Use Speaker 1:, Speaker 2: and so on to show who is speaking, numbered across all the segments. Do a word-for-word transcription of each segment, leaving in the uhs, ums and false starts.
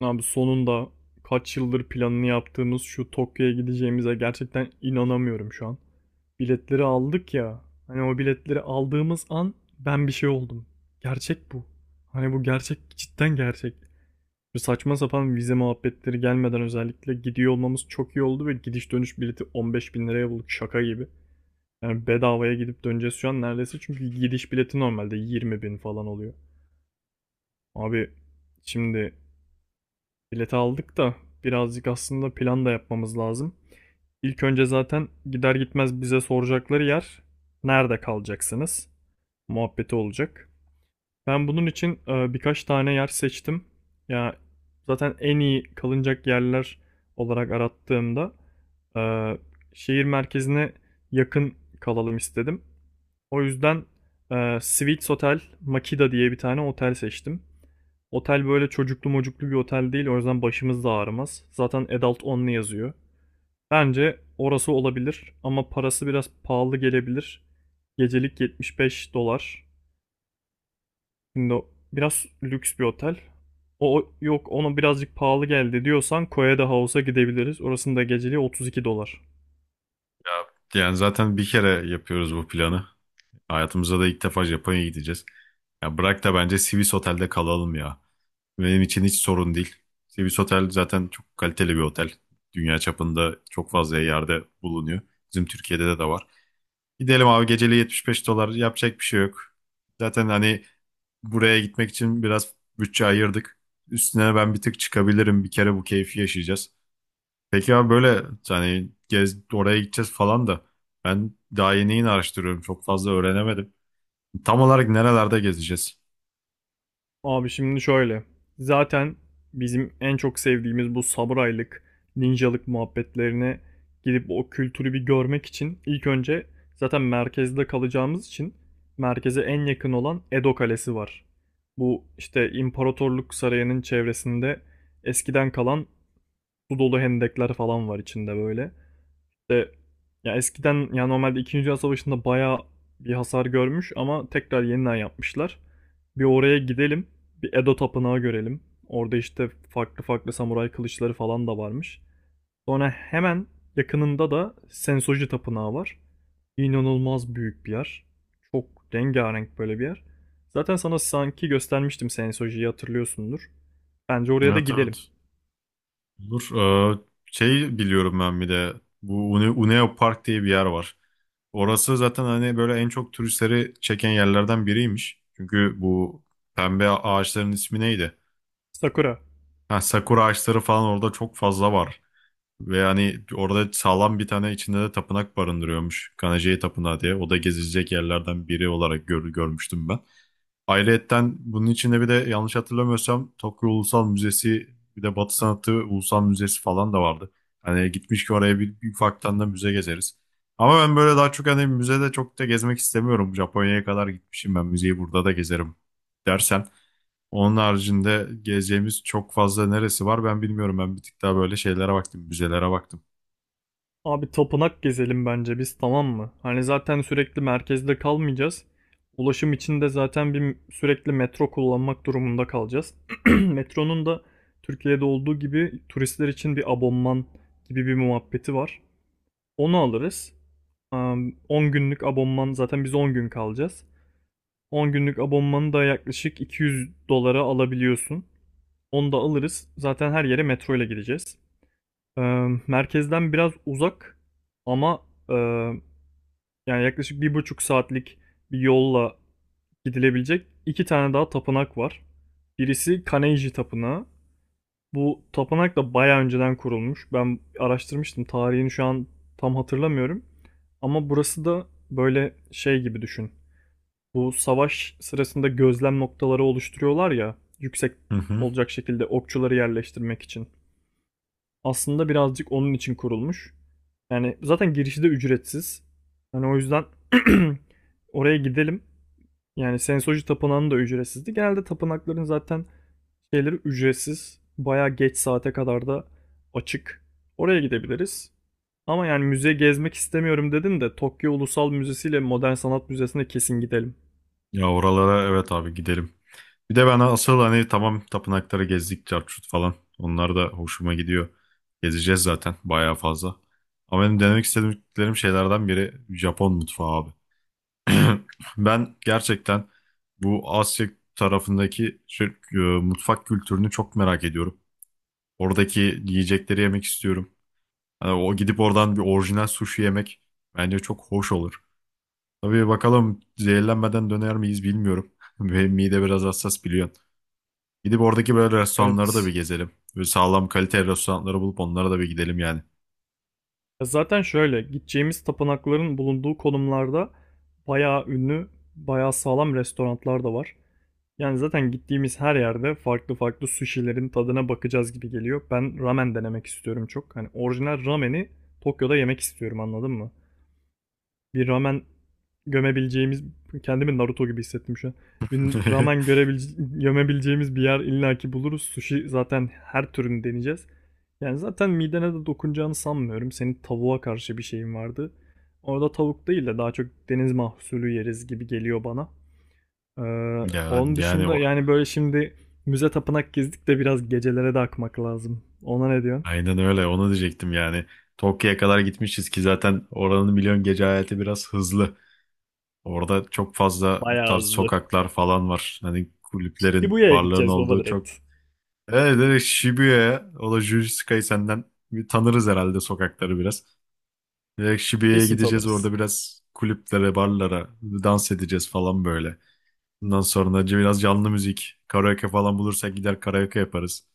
Speaker 1: Abi sonunda kaç yıldır planını yaptığımız şu Tokyo'ya gideceğimize gerçekten inanamıyorum şu an. Biletleri aldık ya. Hani o biletleri aldığımız an ben bir şey oldum. Gerçek bu. Hani bu gerçek cidden gerçek. Şu saçma sapan vize muhabbetleri gelmeden özellikle gidiyor olmamız çok iyi oldu ve gidiş dönüş bileti on beş bin liraya bulduk şaka gibi. Yani bedavaya gidip döneceğiz şu an neredeyse çünkü gidiş bileti normalde yirmi bin falan oluyor. Abi şimdi bileti aldık da birazcık aslında plan da yapmamız lazım. İlk önce zaten gider gitmez bize soracakları yer nerede kalacaksınız muhabbeti olacak. Ben bunun için e, birkaç tane yer seçtim. Ya zaten en iyi kalınacak yerler olarak arattığımda e, şehir merkezine yakın kalalım istedim. O yüzden e, Sweets Hotel Makida diye bir tane otel seçtim. Otel böyle çocuklu mocuklu bir otel değil. O yüzden başımız da ağrımaz. Zaten adult only yazıyor. Bence orası olabilir ama parası biraz pahalı gelebilir. Gecelik yetmiş beş dolar. Şimdi biraz lüks bir otel. O yok ona birazcık pahalı geldi diyorsan Koya da House'a gidebiliriz. Orasının da geceliği otuz iki dolar.
Speaker 2: Yani zaten bir kere yapıyoruz bu planı. Hayatımızda da ilk defa Japonya'ya gideceğiz. Ya bırak da bence Swiss Otel'de kalalım ya. Benim için hiç sorun değil. Swiss Otel zaten çok kaliteli bir otel. Dünya çapında çok fazla yerde bulunuyor. Bizim Türkiye'de de de var. Gidelim abi, geceliği yetmiş beş dolar, yapacak bir şey yok. Zaten hani buraya gitmek için biraz bütçe ayırdık. Üstüne ben bir tık çıkabilirim. Bir kere bu keyfi yaşayacağız. Peki abi, böyle hani gez, oraya gideceğiz falan da ben daha yeni yeni araştırıyorum. Çok fazla öğrenemedim. Tam olarak nerelerde gezeceğiz?
Speaker 1: Abi şimdi şöyle. Zaten bizim en çok sevdiğimiz bu samuraylık, ninjalık muhabbetlerine gidip o kültürü bir görmek için ilk önce zaten merkezde kalacağımız için merkeze en yakın olan Edo Kalesi var. Bu işte imparatorluk sarayının çevresinde eskiden kalan su dolu hendekler falan var içinde böyle de ya eskiden ya normalde ikinci. Dünya Savaşı'nda bayağı bir hasar görmüş ama tekrar yeniden yapmışlar. Bir oraya gidelim. Bir Edo Tapınağı görelim. Orada işte farklı farklı samuray kılıçları falan da varmış. Sonra hemen yakınında da Sensoji Tapınağı var. İnanılmaz büyük bir yer. Çok rengarenk böyle bir yer. Zaten sana sanki göstermiştim Sensoji'yi hatırlıyorsundur. Bence oraya da
Speaker 2: Evet,
Speaker 1: gidelim.
Speaker 2: evet. Olur. Ee, Şey, biliyorum ben bir de bu Une- Uneo Park diye bir yer var. Orası zaten hani böyle en çok turistleri çeken yerlerden biriymiş. Çünkü bu pembe ağaçların ismi neydi?
Speaker 1: Sakura.
Speaker 2: Ha, sakura ağaçları falan orada çok fazla var. Ve hani orada sağlam bir tane, içinde de tapınak barındırıyormuş. Kanajayi Tapınağı diye. O da gezilecek yerlerden biri olarak gör- görmüştüm ben. Ayrıyetten bunun içinde bir de, yanlış hatırlamıyorsam, Tokyo Ulusal Müzesi, bir de Batı Sanatı Ulusal Müzesi falan da vardı. Hani gitmiş ki oraya, bir, bir ufaktan da müze gezeriz. Ama ben böyle daha çok hani müzede çok da gezmek istemiyorum. Japonya'ya kadar gitmişim ben, müzeyi burada da gezerim dersen. Onun haricinde gezeceğimiz çok fazla neresi var ben bilmiyorum. Ben bir tık daha böyle şeylere baktım, müzelere baktım.
Speaker 1: Abi tapınak gezelim bence biz, tamam mı? Hani zaten sürekli merkezde kalmayacağız. Ulaşım için de zaten bir sürekli metro kullanmak durumunda kalacağız. Metronun da Türkiye'de olduğu gibi turistler için bir abonman gibi bir muhabbeti var. Onu alırız. Am, on günlük abonman, zaten biz on gün kalacağız. on günlük abonmanı da yaklaşık iki yüz dolara alabiliyorsun. Onu da alırız. Zaten her yere metro ile gideceğiz. Am, merkezden biraz uzak ama ee, yani yaklaşık bir buçuk saatlik bir yolla gidilebilecek iki tane daha tapınak var. Birisi Kaneiji Tapınağı. Bu tapınak da bayağı önceden kurulmuş. Ben araştırmıştım. Tarihini şu an tam hatırlamıyorum. Ama burası da böyle şey gibi düşün. Bu savaş sırasında gözlem noktaları oluşturuyorlar ya. Yüksek
Speaker 2: Hı hı.
Speaker 1: olacak şekilde okçuları yerleştirmek için aslında birazcık onun için kurulmuş. Yani zaten girişi de ücretsiz. Hani o yüzden oraya gidelim. Yani Sensoji Tapınağı'nın da ücretsizdi. Genelde tapınakların zaten şeyleri ücretsiz. Bayağı geç saate kadar da açık. Oraya gidebiliriz. Ama yani müze gezmek istemiyorum dedin de Tokyo Ulusal Müzesi ile Modern Sanat Müzesi'ne kesin gidelim.
Speaker 2: Ya oralara, evet abi, gidelim. Bir de ben asıl hani, tamam, tapınakları gezdik çarçurt falan. Onlar da hoşuma gidiyor. Gezeceğiz zaten bayağı fazla. Ama benim denemek istediklerim şeylerden biri Japon mutfağı abi. Ben gerçekten bu Asya tarafındaki şey, e, mutfak kültürünü çok merak ediyorum. Oradaki yiyecekleri yemek istiyorum. Hani o gidip oradan bir orijinal sushi yemek bence çok hoş olur. Tabii bakalım, zehirlenmeden döner miyiz bilmiyorum. Benim mide biraz hassas, biliyorsun. Gidip oradaki böyle restoranları da
Speaker 1: Evet.
Speaker 2: bir gezelim. Böyle sağlam kalite restoranları bulup onlara da bir gidelim yani.
Speaker 1: Zaten şöyle gideceğimiz tapınakların bulunduğu konumlarda bayağı ünlü, bayağı sağlam restoranlar da var. Yani zaten gittiğimiz her yerde farklı farklı sushi'lerin tadına bakacağız gibi geliyor. Ben ramen denemek istiyorum çok. Hani orijinal rameni Tokyo'da yemek istiyorum, anladın mı? Bir ramen gömebileceğimiz, kendimi Naruto gibi hissettim şu an. Bir ramen görebilece- gömebileceğimiz bir yer illaki buluruz. Sushi zaten her türünü deneyeceğiz. Yani zaten midene de dokunacağını sanmıyorum. Senin tavuğa karşı bir şeyin vardı. Orada tavuk değil de daha çok deniz mahsulü yeriz gibi geliyor bana. Ee,
Speaker 2: Ya,
Speaker 1: onun
Speaker 2: yani
Speaker 1: dışında
Speaker 2: o,
Speaker 1: yani böyle şimdi müze tapınak gezdik de biraz gecelere de akmak lazım. Ona ne diyorsun?
Speaker 2: aynen öyle, onu diyecektim yani. Tokyo'ya kadar gitmişiz ki, zaten oranın milyon gece hayatı biraz hızlı. Orada çok fazla bu
Speaker 1: Bayağı
Speaker 2: tarz
Speaker 1: hızlı.
Speaker 2: sokaklar falan var. Hani kulüplerin,
Speaker 1: Ibuya'ya
Speaker 2: barların
Speaker 1: gideceğiz baba,
Speaker 2: olduğu çok.
Speaker 1: direkt.
Speaker 2: Evet, evet, Shibuya'ya, o da Jujutsu Kaisen senden bir tanırız herhalde sokakları biraz. Direkt Şibiye'ye
Speaker 1: Kesin
Speaker 2: gideceğiz, orada
Speaker 1: tanırız.
Speaker 2: biraz kulüplere, barlara, dans edeceğiz falan böyle. Bundan sonra biraz canlı müzik, karaoke falan bulursak gider karaoke yaparız.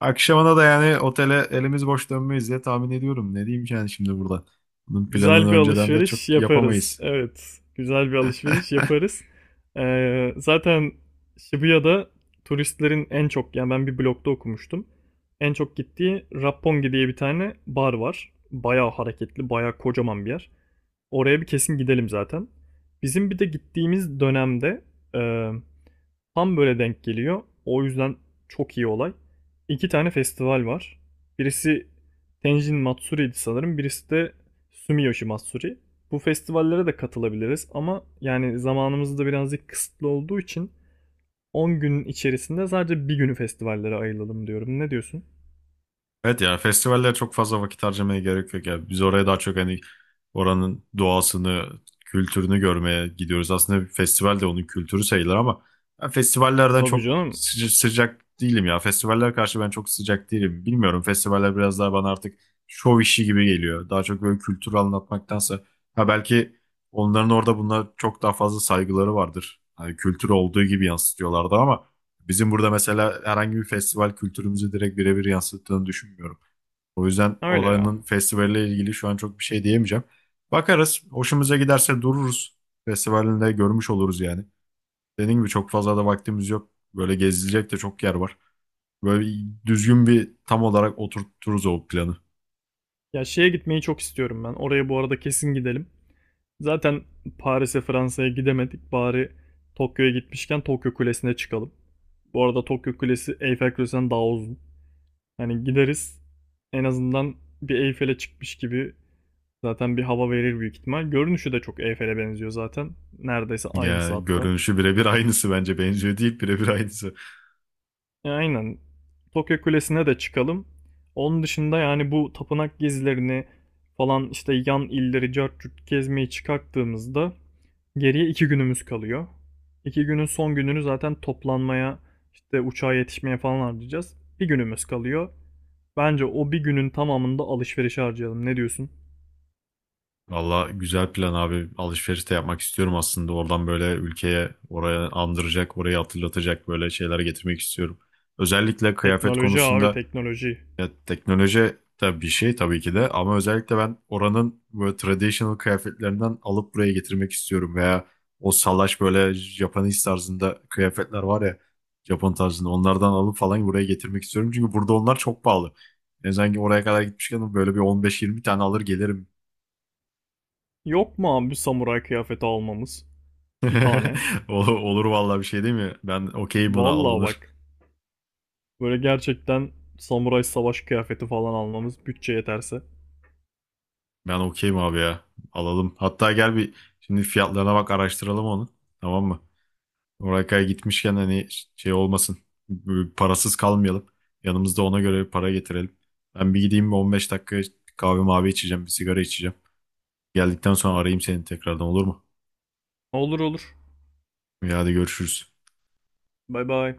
Speaker 2: Akşamına da yani otele elimiz boş dönmeyiz diye tahmin ediyorum. Ne diyeyim ki yani şimdi burada? Bunun planını
Speaker 1: Güzel bir
Speaker 2: önceden de
Speaker 1: alışveriş
Speaker 2: çok
Speaker 1: yaparız.
Speaker 2: yapamayız.
Speaker 1: Evet. Güzel bir alışveriş yaparız. Ee, zaten Shibuya'da turistlerin en çok, yani ben bir blogda okumuştum. En çok gittiği Roppongi diye bir tane bar var. Bayağı hareketli, bayağı kocaman bir yer. Oraya bir kesin gidelim zaten. Bizim bir de gittiğimiz dönemde e, tam böyle denk geliyor. O yüzden çok iyi olay. İki tane festival var. Birisi Tenjin Matsuri'ydi sanırım. Birisi de Sumiyoshi Matsuri. Bu festivallere de katılabiliriz ama yani zamanımız da birazcık kısıtlı olduğu için on günün içerisinde sadece bir günü festivallere ayıralım diyorum. Ne diyorsun?
Speaker 2: Evet ya, festivallere çok fazla vakit harcamaya gerek yok ya. Biz oraya daha çok hani oranın doğasını, kültürünü görmeye gidiyoruz. Aslında bir festival de onun kültürü sayılır ama ben festivallerden
Speaker 1: Tabii
Speaker 2: çok
Speaker 1: canım.
Speaker 2: sıca- sıcak değilim ya. Festivaller karşı ben çok sıcak değilim. Bilmiyorum, festivaller biraz daha bana artık şov işi gibi geliyor. Daha çok böyle kültürü anlatmaktansa, ha belki onların orada buna çok daha fazla saygıları vardır. Hani kültür olduğu gibi yansıtıyorlardı ama bizim burada mesela herhangi bir festival kültürümüzü direkt birebir yansıttığını düşünmüyorum. O yüzden
Speaker 1: Öyle ya.
Speaker 2: oranın festivalle ilgili şu an çok bir şey diyemeyeceğim. Bakarız. Hoşumuza giderse dururuz. Festivalinde görmüş oluruz yani. Dediğim gibi, çok fazla da vaktimiz yok. Böyle gezilecek de çok yer var. Böyle düzgün, bir tam olarak oturturuz o planı.
Speaker 1: Ya şeye gitmeyi çok istiyorum ben. Oraya bu arada kesin gidelim. Zaten Paris'e, Fransa'ya gidemedik. Bari Tokyo'ya gitmişken Tokyo Kulesi'ne çıkalım. Bu arada Tokyo Kulesi Eyfel Kulesi'nden daha uzun. Hani gideriz en azından bir Eyfel'e çıkmış gibi zaten bir hava verir büyük ihtimal. Görünüşü de çok Eyfel'e benziyor zaten. Neredeyse aynısı
Speaker 2: Ya,
Speaker 1: hatta.
Speaker 2: görünüşü birebir aynısı bence. Benziyor değil, birebir aynısı.
Speaker 1: Ya aynen. Tokyo Kulesi'ne de çıkalım. Onun dışında yani bu tapınak gezilerini falan işte yan illeri cart curt gezmeyi çıkarttığımızda geriye iki günümüz kalıyor. İki günün son gününü zaten toplanmaya işte uçağa yetişmeye falan harcayacağız. Bir günümüz kalıyor. Bence o bir günün tamamında alışveriş harcayalım. Ne diyorsun?
Speaker 2: Valla güzel plan abi. Alışveriş de yapmak istiyorum aslında. Oradan böyle ülkeye, oraya andıracak, orayı hatırlatacak böyle şeyler getirmek istiyorum. Özellikle kıyafet
Speaker 1: Teknoloji abi,
Speaker 2: konusunda,
Speaker 1: teknoloji.
Speaker 2: ya, teknoloji de bir şey tabii ki de, ama özellikle ben oranın böyle traditional kıyafetlerinden alıp buraya getirmek istiyorum, veya o salaş böyle Japanese tarzında kıyafetler var ya, Japon tarzında, onlardan alıp falan buraya getirmek istiyorum. Çünkü burada onlar çok pahalı. Yani sanki oraya kadar gitmişken böyle bir on beş yirmi tane alır gelirim.
Speaker 1: Yok mu abi samuray kıyafeti almamız? Bir tane.
Speaker 2: Ol- Olur vallahi, bir şey değil mi? Ben okeyim, buna
Speaker 1: Vallahi
Speaker 2: alınır.
Speaker 1: bak. Böyle gerçekten samuray savaş kıyafeti falan almamız, bütçe yeterse.
Speaker 2: Ben okeyim abi ya. Alalım. Hatta gel bir, şimdi fiyatlarına bak, araştıralım onu. Tamam mı? Oraya gitmişken hani şey olmasın. Böyle parasız kalmayalım. Yanımızda ona göre para getirelim. Ben bir gideyim, bir on beş dakika kahve mavi içeceğim. Bir sigara içeceğim. Geldikten sonra arayayım seni tekrardan, olur mu?
Speaker 1: Olur olur.
Speaker 2: Ya hadi, görüşürüz.
Speaker 1: Bay bay.